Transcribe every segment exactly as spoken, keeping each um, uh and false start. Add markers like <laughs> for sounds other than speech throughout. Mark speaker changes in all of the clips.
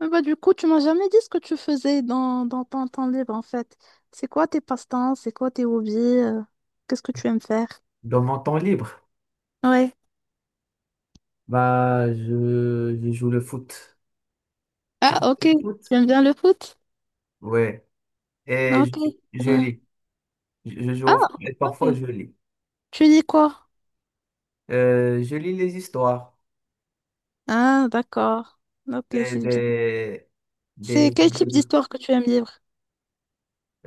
Speaker 1: Ah Bah, du coup, tu m'as jamais dit ce que tu faisais dans, dans ton temps libre en fait. C'est quoi tes passe-temps? C'est quoi tes hobbies? euh, Qu'est-ce que tu aimes faire?
Speaker 2: Dans mon temps libre,
Speaker 1: Ouais.
Speaker 2: bah, je, je joue le foot. Tu
Speaker 1: Ah,
Speaker 2: comprends
Speaker 1: ok.
Speaker 2: le
Speaker 1: Tu
Speaker 2: foot?
Speaker 1: aimes bien le foot?
Speaker 2: Ouais.
Speaker 1: Ah,
Speaker 2: Et
Speaker 1: ok.
Speaker 2: je, je
Speaker 1: Ouais.
Speaker 2: lis. Je, je joue
Speaker 1: Ah,
Speaker 2: au foot et
Speaker 1: ok.
Speaker 2: parfois je lis.
Speaker 1: Tu dis quoi?
Speaker 2: Euh, je lis les histoires.
Speaker 1: Ah, d'accord. Ok,
Speaker 2: Et
Speaker 1: c'est bien.
Speaker 2: des, des,
Speaker 1: C'est quel type d'histoire que tu aimes lire?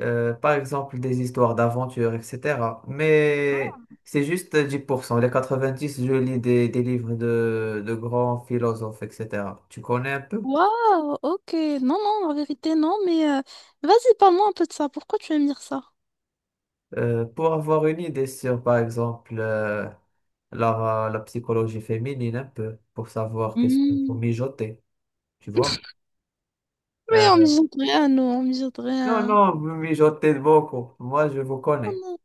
Speaker 2: euh, par exemple, des histoires d'aventure, et cetera. Mais c'est juste dix pour cent. Les quatre-vingt-dix, je lis des, des livres de, de grands philosophes, et cetera. Tu connais un peu?
Speaker 1: Waouh, ok. Non, non, en vérité, non, mais euh, vas-y, parle-moi un peu de ça. Pourquoi tu aimes lire ça?
Speaker 2: Euh, pour avoir une idée sur, par exemple, euh, la, la psychologie féminine un peu, pour savoir qu'est-ce qu'il faut
Speaker 1: Hmm.
Speaker 2: mijoter, tu vois.
Speaker 1: <laughs> Mais on me
Speaker 2: Euh,
Speaker 1: jette rien, nous, on me jette
Speaker 2: non,
Speaker 1: rien.
Speaker 2: non, vous mijotez beaucoup, moi je vous
Speaker 1: Oh
Speaker 2: connais.
Speaker 1: non.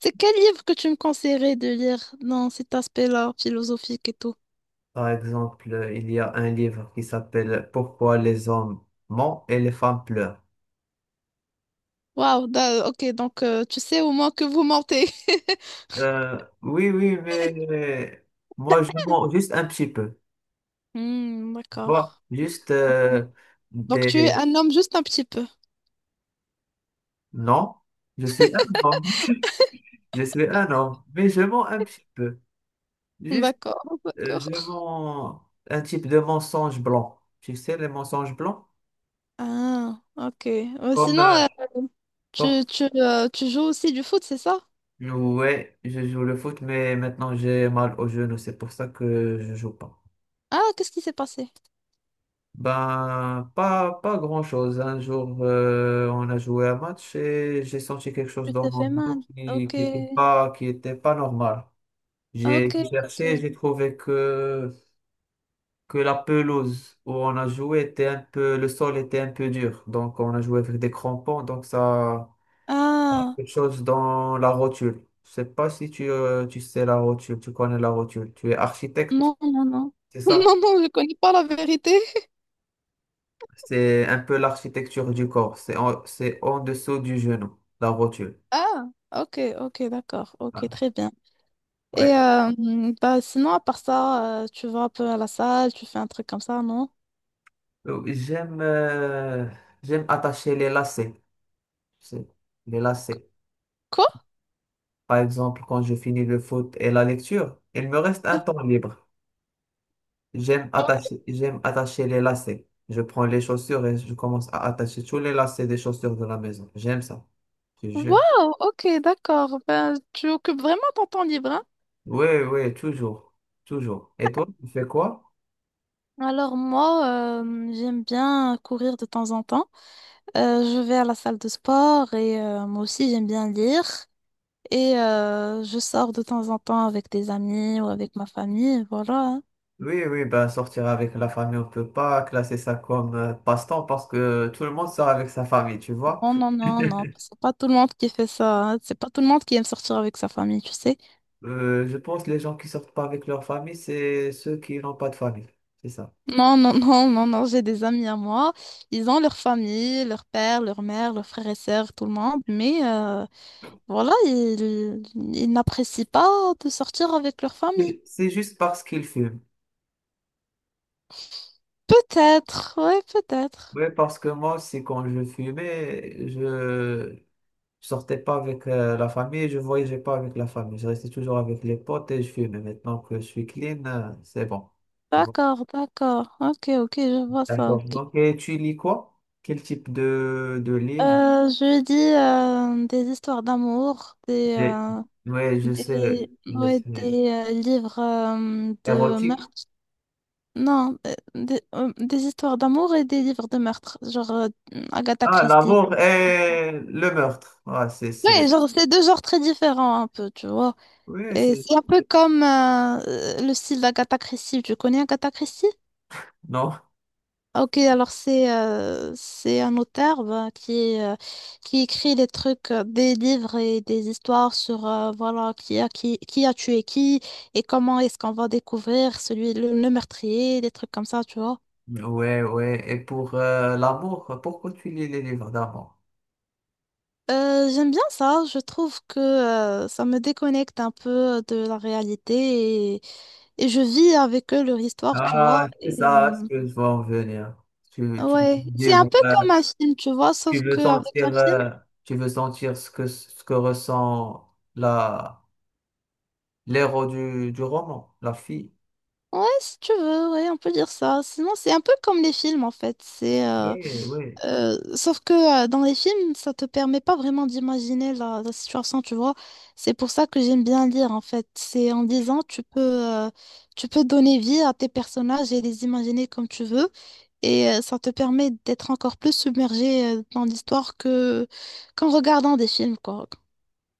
Speaker 1: C'est quel livre que tu me conseillerais de lire dans cet aspect-là, philosophique et tout?
Speaker 2: Par exemple, euh, il y a un livre qui s'appelle Pourquoi les hommes mentent et les femmes pleurent.
Speaker 1: Waouh, da- ok, donc euh, tu sais au moins que vous mentez. <laughs>
Speaker 2: Euh, oui, oui, mais moi je mens juste un petit peu,
Speaker 1: Hmm,
Speaker 2: tu vois,
Speaker 1: d'accord.
Speaker 2: juste
Speaker 1: Ok.
Speaker 2: euh,
Speaker 1: Donc tu es
Speaker 2: des...
Speaker 1: un homme juste un petit peu.
Speaker 2: Non, je suis un homme, <laughs> je suis un homme, mais je mens un petit peu. Juste,
Speaker 1: D'accord, <laughs>
Speaker 2: euh,
Speaker 1: d'accord.
Speaker 2: je vends un type de mensonge blanc. Tu sais, les mensonges blancs?
Speaker 1: Ah, ok. Euh,
Speaker 2: Comme,
Speaker 1: sinon,
Speaker 2: euh,
Speaker 1: euh,
Speaker 2: comme
Speaker 1: tu, tu, euh, tu joues aussi du foot, c'est ça?
Speaker 2: ouais, je joue le foot, mais maintenant j'ai mal aux genoux. C'est pour ça que je joue pas.
Speaker 1: Ah, qu'est-ce qui s'est passé?
Speaker 2: Ben, pas, pas grand-chose. Un jour, euh, on a joué un match et j'ai senti quelque chose
Speaker 1: Tu
Speaker 2: dans
Speaker 1: t'es
Speaker 2: mon
Speaker 1: fait mal.
Speaker 2: genou qui
Speaker 1: Ok,
Speaker 2: n'était pas, qui était pas normal.
Speaker 1: ok,
Speaker 2: J'ai
Speaker 1: ok.
Speaker 2: cherché, j'ai trouvé que que la pelouse où on a joué était un peu, le sol était un peu dur. Donc, on a joué avec des crampons. Donc, ça,
Speaker 1: Ah,
Speaker 2: quelque chose dans la rotule. Je sais pas si tu, euh, tu sais la rotule, tu connais la rotule. Tu es
Speaker 1: non,
Speaker 2: architecte,
Speaker 1: non, non. <laughs>
Speaker 2: c'est ça?
Speaker 1: Non, non, je connais pas la vérité.
Speaker 2: C'est un peu l'architecture du corps. C'est en, c'est en dessous du genou, la rotule.
Speaker 1: Ah, ok, ok, d'accord, ok,
Speaker 2: Ah,
Speaker 1: très bien. Et
Speaker 2: ouais.
Speaker 1: euh, mm, bah, sinon, à part ça, euh, tu vas un peu à la salle, tu fais un truc comme ça, non?
Speaker 2: Euh, J'aime, euh, j'aime attacher les lacets. C'est- Les lacets.
Speaker 1: Quoi?
Speaker 2: Par exemple, quand je finis le foot et la lecture, il me reste un temps libre. J'aime attacher, j'aime attacher les lacets. Je prends les chaussures et je commence à attacher tous les lacets des chaussures de la maison. J'aime ça. Je, je-
Speaker 1: Wow, ok, d'accord. Ben, tu occupes vraiment ton temps libre, hein?
Speaker 2: Oui, oui, toujours. Toujours. Et toi, tu fais quoi?
Speaker 1: Alors moi, euh, j'aime bien courir de temps en temps. Euh, je vais à la salle de sport et euh, moi aussi j'aime bien lire. Et euh, je sors de temps en temps avec des amis ou avec ma famille, voilà, hein.
Speaker 2: Oui, oui, ben sortir avec la famille, on peut pas classer ça comme euh, passe-temps parce que tout le monde sort avec sa famille, tu vois.
Speaker 1: Non, non, non, non,
Speaker 2: <laughs>
Speaker 1: c'est pas tout le monde qui fait ça, hein. C'est pas tout le monde qui aime sortir avec sa famille, tu sais.
Speaker 2: Euh, je pense que les gens qui sortent pas avec leur famille, c'est ceux qui n'ont pas de famille. C'est ça.
Speaker 1: Non, non, non, non, non, j'ai des amis à moi. Ils ont leur famille, leur père, leur mère, leurs frères et sœurs, tout le monde. Mais euh, voilà, ils, ils n'apprécient pas de sortir avec leur famille.
Speaker 2: C'est c'est juste parce qu'ils fument.
Speaker 1: Peut-être, ouais, peut-être.
Speaker 2: Oui, parce que moi aussi, quand je fumais, je, Je sortais pas avec euh, la famille et je voyageais pas avec la famille. Je restais toujours avec les potes et je fumais. Maintenant que je suis clean, euh, c'est bon. C'est bon.
Speaker 1: D'accord, d'accord. Ok, ok, je vois ça,
Speaker 2: D'accord.
Speaker 1: ok.
Speaker 2: Donc, et tu lis quoi? Quel type de, de livre?
Speaker 1: Euh, je dis euh, des histoires d'amour, des,
Speaker 2: Des-
Speaker 1: euh,
Speaker 2: Ouais, je
Speaker 1: Des,
Speaker 2: sais. je
Speaker 1: ouais,
Speaker 2: sais.
Speaker 1: des euh, livres euh, de
Speaker 2: Érotique.
Speaker 1: meurtre. Non, euh, des, euh, des histoires d'amour et des livres de meurtre, genre euh, Agatha
Speaker 2: Ah,
Speaker 1: Christie.
Speaker 2: l'amour et le meurtre. Ah, c'est,
Speaker 1: Ouais,
Speaker 2: c'est.
Speaker 1: genre c'est deux genres très différents un peu, tu vois.
Speaker 2: Oui,
Speaker 1: Et
Speaker 2: c'est.
Speaker 1: c'est un peu comme euh, euh, le style d'Agatha Christie. Tu connais Agatha Christie?
Speaker 2: Non.
Speaker 1: Ok, alors c'est euh, c'est un auteur ben, qui euh, qui écrit des trucs, euh, des livres et des histoires sur euh, voilà qui a qui qui a tué qui et comment est-ce qu'on va découvrir celui le, le meurtrier, des trucs comme ça, tu vois.
Speaker 2: Ouais, ouais. Et pour euh, l'amour, pourquoi tu lis les livres d'amour?
Speaker 1: Euh, j'aime bien ça, je trouve que euh, ça me déconnecte un peu de la réalité et, et je vis avec eux leur histoire, tu vois.
Speaker 2: Ah, c'est
Speaker 1: Et,
Speaker 2: ça
Speaker 1: euh,
Speaker 2: ce que je vois en venir. Tu, tu
Speaker 1: ouais, c'est un
Speaker 2: livres.
Speaker 1: peu comme un film, tu vois,
Speaker 2: Tu
Speaker 1: sauf
Speaker 2: veux
Speaker 1: qu'avec un
Speaker 2: sentir,
Speaker 1: film.
Speaker 2: euh, tu veux sentir ce que, ce que ressent la, l'héros du, du roman, la fille.
Speaker 1: Ouais, si tu veux, ouais, on peut dire ça. Sinon, c'est un peu comme les films, en fait. C'est, euh,
Speaker 2: Oui, oui.
Speaker 1: euh, sauf que euh, dans les films, ça te permet pas vraiment d'imaginer la, la situation, tu vois. C'est pour ça que j'aime bien lire, en fait. C'est en lisant, tu peux, euh, tu peux donner vie à tes personnages et les imaginer comme tu veux. Et euh, ça te permet d'être encore plus submergé euh, dans l'histoire que qu'en regardant des films, quoi.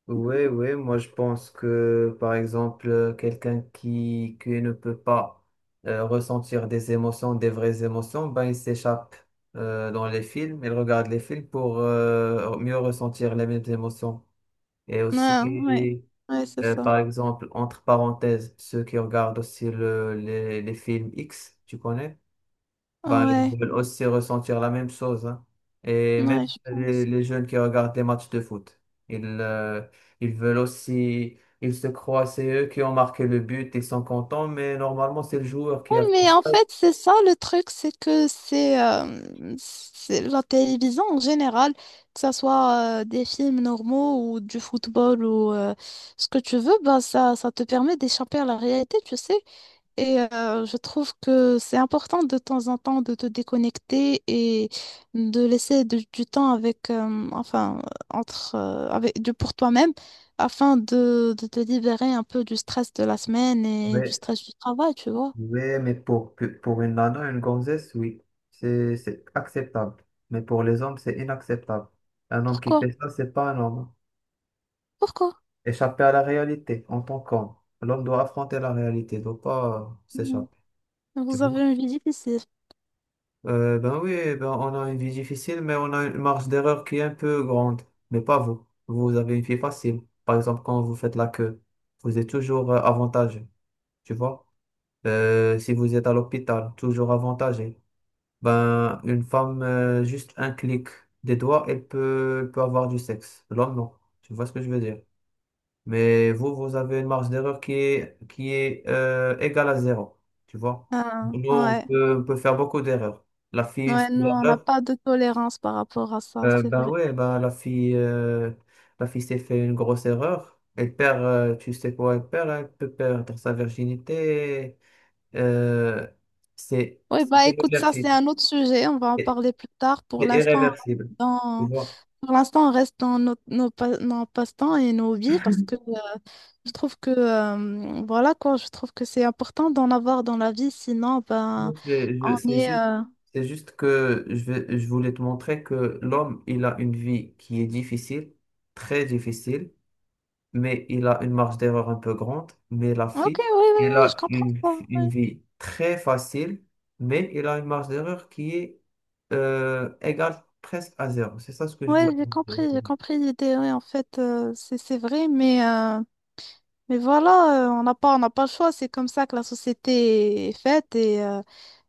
Speaker 2: Oui, oui, moi je pense que par exemple, euh, quelqu'un qui, qui ne peut pas euh, ressentir des émotions, des vraies émotions, ben il s'échappe euh, dans les films, il regarde les films pour euh, mieux ressentir les mêmes émotions. Et
Speaker 1: Ouais, ouais,
Speaker 2: aussi,
Speaker 1: ouais, c'est
Speaker 2: Euh,
Speaker 1: ça.
Speaker 2: par exemple, entre parenthèses, ceux qui regardent aussi le, les, les films iks, tu connais, ben, ils
Speaker 1: Ouais,
Speaker 2: veulent aussi ressentir la même chose, hein. Et
Speaker 1: ouais,
Speaker 2: même
Speaker 1: je
Speaker 2: les,
Speaker 1: pense.
Speaker 2: les jeunes qui regardent des matchs de foot, ils, euh, ils veulent aussi, ils se croient, c'est eux qui ont marqué le but, ils sont contents, mais normalement, c'est le joueur
Speaker 1: Oui,
Speaker 2: qui a fait
Speaker 1: mais en
Speaker 2: ça.
Speaker 1: fait, c'est ça le truc, c'est que c'est euh, c'est la télévision en général, que ce soit euh, des films normaux ou du football ou euh, ce que tu veux, bah, ça, ça te permet d'échapper à la réalité, tu sais. Et euh, je trouve que c'est important de temps en temps de te déconnecter et de laisser de- du temps avec, euh, enfin, entre, euh, avec, du, pour toi-même afin de, de te libérer un peu du stress de la semaine et du
Speaker 2: Mais,
Speaker 1: stress du travail, tu vois.
Speaker 2: mais, mais pour, pour une nana, une gonzesse, oui, c'est c'est acceptable. Mais pour les hommes, c'est inacceptable. Un homme qui
Speaker 1: Pourquoi?
Speaker 2: fait ça, c'est pas un homme, hein.
Speaker 1: Pourquoi?
Speaker 2: Échapper à la réalité en tant qu'homme. L'homme doit affronter la réalité, il doit pas euh,
Speaker 1: Hmm.
Speaker 2: s'échapper. Tu
Speaker 1: Vous avez
Speaker 2: vois?
Speaker 1: une vie difficile.
Speaker 2: Euh, ben oui, ben on a une vie difficile, mais on a une marge d'erreur qui est un peu grande. Mais pas vous. Vous avez une vie facile. Par exemple, quand vous faites la queue, vous êtes toujours euh, avantagé. Tu vois? Euh, si vous êtes à l'hôpital, toujours avantagé. Ben, une femme, euh, juste un clic des doigts, elle peut, elle peut avoir du sexe. L'homme, non. Tu vois ce que je veux dire? Mais vous, vous avez une marge d'erreur qui est, qui est euh, égale à zéro. Tu vois?
Speaker 1: Ah,
Speaker 2: Nous, on
Speaker 1: ouais.
Speaker 2: peut, on peut faire beaucoup d'erreurs. La fille, une seule
Speaker 1: Ouais, nous, on n'a
Speaker 2: erreur.
Speaker 1: pas de tolérance par rapport à ça,
Speaker 2: euh,
Speaker 1: c'est
Speaker 2: ben
Speaker 1: vrai.
Speaker 2: ouais, ben la fille, euh, la fille s'est fait une grosse erreur. Elle perd, euh, tu sais quoi, elle perd, hein, elle peut perdre sa virginité. Euh, c'est
Speaker 1: Oui,
Speaker 2: c'est
Speaker 1: bah écoute, ça, c'est
Speaker 2: irréversible.
Speaker 1: un autre sujet. On va en
Speaker 2: C'est
Speaker 1: parler plus tard. Pour
Speaker 2: c'est
Speaker 1: l'instant,
Speaker 2: irréversible.
Speaker 1: on
Speaker 2: Tu
Speaker 1: dans...
Speaker 2: vois?
Speaker 1: pour l'instant, on reste dans nos, nos, pa- nos passe-temps et nos vies parce que euh, je trouve que, euh, voilà quoi, je trouve que c'est important d'en avoir dans la vie. Sinon, ben,
Speaker 2: Donc, je- je-
Speaker 1: on
Speaker 2: C'est
Speaker 1: est.
Speaker 2: juste,
Speaker 1: euh,
Speaker 2: c'est juste que je vais- je voulais te montrer que l'homme, il a une vie qui est difficile, très difficile, mais il a une marge d'erreur un peu grande. Mais la
Speaker 1: Ok, oui,
Speaker 2: fille,
Speaker 1: oui,
Speaker 2: elle
Speaker 1: oui, je
Speaker 2: a
Speaker 1: comprends
Speaker 2: une,
Speaker 1: ça.
Speaker 2: une vie très facile, mais elle a une marge d'erreur qui est euh, égale presque à zéro. C'est ça ce que je
Speaker 1: Oui,
Speaker 2: vous
Speaker 1: j'ai compris,
Speaker 2: conseille.
Speaker 1: j'ai compris l'idée. Oui, en fait, euh, c'est c'est vrai, mais. euh, mais voilà, euh, on n'a pas, on n'a pas le choix. C'est comme ça que la société est faite et euh,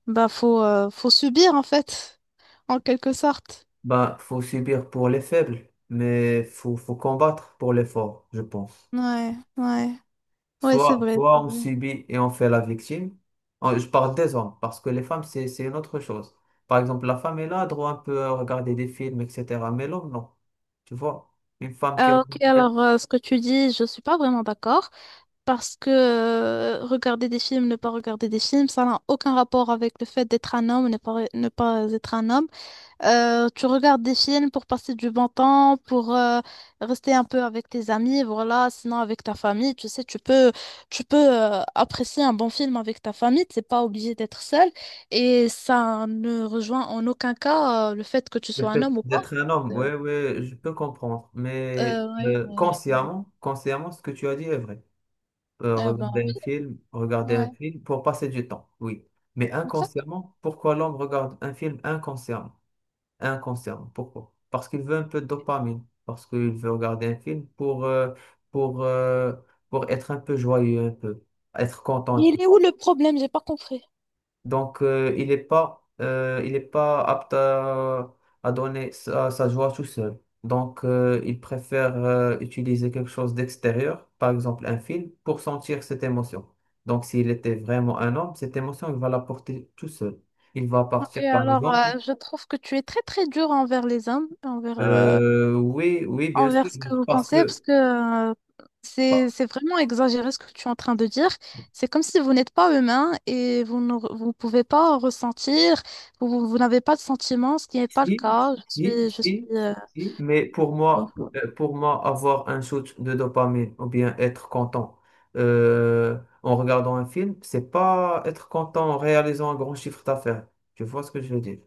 Speaker 1: bah faut, euh, faut subir en fait, <laughs> en quelque sorte.
Speaker 2: Ben, faut subir pour les faibles, mais faut, faut combattre pour les forts, je pense.
Speaker 1: Ouais, ouais, ouais, c'est
Speaker 2: Soit,
Speaker 1: vrai,
Speaker 2: soit
Speaker 1: c'est
Speaker 2: on
Speaker 1: vrai.
Speaker 2: subit et on fait la victime. En- Je parle des hommes, parce que les femmes, c'est, c'est une autre chose. Par exemple, la femme, elle a droit un peu à regarder des films, et cetera. Mais l'homme, non. Tu vois, une femme qui
Speaker 1: Ah,
Speaker 2: regrette
Speaker 1: ok, alors euh, ce que tu dis, je suis pas vraiment d'accord parce que euh, regarder des films, ne pas regarder des films, ça n'a aucun rapport avec le fait d'être un homme, ne pas, ne pas être un homme. Euh, tu regardes des films pour passer du bon temps, pour euh, rester un peu avec tes amis, voilà. Sinon, avec ta famille, tu sais, tu peux, tu peux euh, apprécier un bon film avec ta famille. T'es pas obligé d'être seul. Et ça ne rejoint en aucun cas euh, le fait que tu
Speaker 2: le
Speaker 1: sois un
Speaker 2: fait
Speaker 1: homme ou pas.
Speaker 2: d'être un homme,
Speaker 1: Euh,
Speaker 2: oui, oui, je peux comprendre. Mais
Speaker 1: euh, ouais,
Speaker 2: euh,
Speaker 1: ouais,
Speaker 2: consciemment, consciemment, ce que tu as dit est vrai. Euh,
Speaker 1: je- euh, ben,
Speaker 2: regarder un film, regarder un
Speaker 1: ouais,
Speaker 2: film pour passer du temps, oui. Mais
Speaker 1: exact.
Speaker 2: inconsciemment, pourquoi l'homme regarde un film inconsciemment? Inconsciemment. Pourquoi? Parce qu'il veut un peu de dopamine, parce qu'il veut regarder un film pour, euh, pour, euh, pour être un peu joyeux, un peu, être content un
Speaker 1: Mais
Speaker 2: peu.
Speaker 1: il est où le problème? J'ai pas compris.
Speaker 2: Donc, euh, il n'est pas, euh, il est pas apte à, à donner sa, sa joie tout seul. Donc, euh, il préfère euh, utiliser quelque chose d'extérieur, par exemple un film, pour sentir cette émotion. Donc, s'il était vraiment un homme, cette émotion, il va la porter tout seul. Il va
Speaker 1: Ok,
Speaker 2: partir, par
Speaker 1: alors
Speaker 2: exemple.
Speaker 1: euh, je trouve que tu es très très dur envers les hommes, envers euh,
Speaker 2: Euh, oui, oui, bien
Speaker 1: envers
Speaker 2: sûr.
Speaker 1: ce que
Speaker 2: Donc,
Speaker 1: vous
Speaker 2: Parce
Speaker 1: pensez parce
Speaker 2: que,
Speaker 1: que euh,
Speaker 2: bah,
Speaker 1: c'est c'est vraiment exagéré ce que tu es en train de dire. C'est comme si vous n'êtes pas humain et vous ne vous pouvez pas ressentir, vous, vous- vous n'avez pas de sentiments, ce qui n'est pas le
Speaker 2: si,
Speaker 1: cas. Je
Speaker 2: si,
Speaker 1: suis, je suis,
Speaker 2: si,
Speaker 1: euh,
Speaker 2: si, mais pour moi,
Speaker 1: oh.
Speaker 2: euh, pour moi, avoir un shoot de dopamine ou bien être content euh, en regardant un film, c'est pas être content en réalisant un grand chiffre d'affaires. Tu vois ce que je veux dire?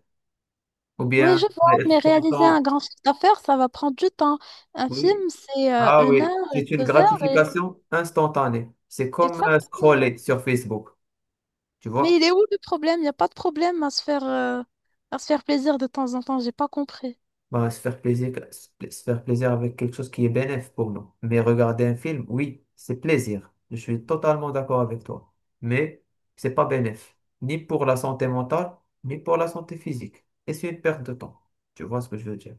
Speaker 2: Ou
Speaker 1: Oui,
Speaker 2: bien
Speaker 1: je vois, mais
Speaker 2: être
Speaker 1: réaliser un
Speaker 2: content,
Speaker 1: grand chiffre d'affaires, ça va prendre du temps. Un film,
Speaker 2: oui.
Speaker 1: c'est euh,
Speaker 2: Ah
Speaker 1: une
Speaker 2: oui,
Speaker 1: heure, une,
Speaker 2: c'est une
Speaker 1: deux heures, et...
Speaker 2: gratification instantanée. C'est comme euh,
Speaker 1: exactement.
Speaker 2: scroller sur Facebook, tu
Speaker 1: Mais il
Speaker 2: vois?
Speaker 1: est où le problème? Il n'y a pas de problème à se faire, euh, à se faire plaisir de temps en temps, j'ai pas compris.
Speaker 2: Bah, se faire plaisir, se faire plaisir avec quelque chose qui est bénéfique pour nous. Mais regarder un film, oui, c'est plaisir. Je suis totalement d'accord avec toi. Mais c'est pas bénéfique, ni pour la santé mentale, ni pour la santé physique. Et c'est une perte de temps. Tu vois ce que je veux dire?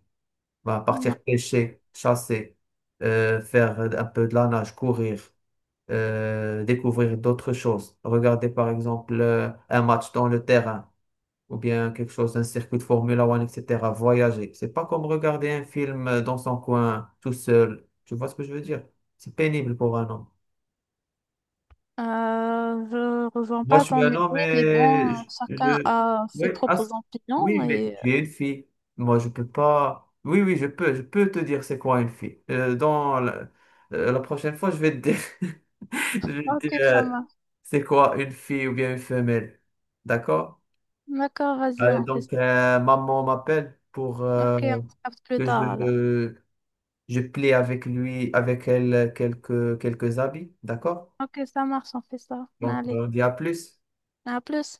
Speaker 2: Bah, partir pêcher, chasser, euh, faire un peu de la nage, courir, euh, découvrir d'autres choses. Regarder par exemple euh, un match dans le terrain ou bien quelque chose, un circuit de formule ouane, et cetera. Voyager. C'est pas comme regarder un film euh, dans son coin, tout seul. Tu vois ce que je veux dire? C'est pénible pour un homme.
Speaker 1: Euh, je rejoins
Speaker 2: Moi,
Speaker 1: pas
Speaker 2: je suis
Speaker 1: ton
Speaker 2: un
Speaker 1: idée,
Speaker 2: homme
Speaker 1: mais bon,
Speaker 2: et je...
Speaker 1: euh, chacun
Speaker 2: je-
Speaker 1: a
Speaker 2: Oui,
Speaker 1: ses
Speaker 2: ah, c-
Speaker 1: propres opinions
Speaker 2: oui, mais
Speaker 1: et... euh,
Speaker 2: tu es une fille. Moi, je peux pas... Oui, oui, je peux. Je peux te dire c'est quoi une fille. Euh, dans la... euh, la prochaine fois, je vais te dire, <laughs> je vais te
Speaker 1: Ok,
Speaker 2: dire
Speaker 1: ça
Speaker 2: euh,
Speaker 1: marche.
Speaker 2: c'est quoi une fille ou bien une femelle. D'accord?
Speaker 1: D'accord, vas-y,
Speaker 2: Allez,
Speaker 1: on fait ça.
Speaker 2: donc, euh, maman m'appelle pour... euh,
Speaker 1: Ok, on se capte plus
Speaker 2: que
Speaker 1: tard alors.
Speaker 2: je, je plie avec lui, avec elle, quelques, quelques habits, d'accord?
Speaker 1: Ok, ça marche, on fait ça.
Speaker 2: Donc,
Speaker 1: Allez,
Speaker 2: on dit à plus.
Speaker 1: à plus.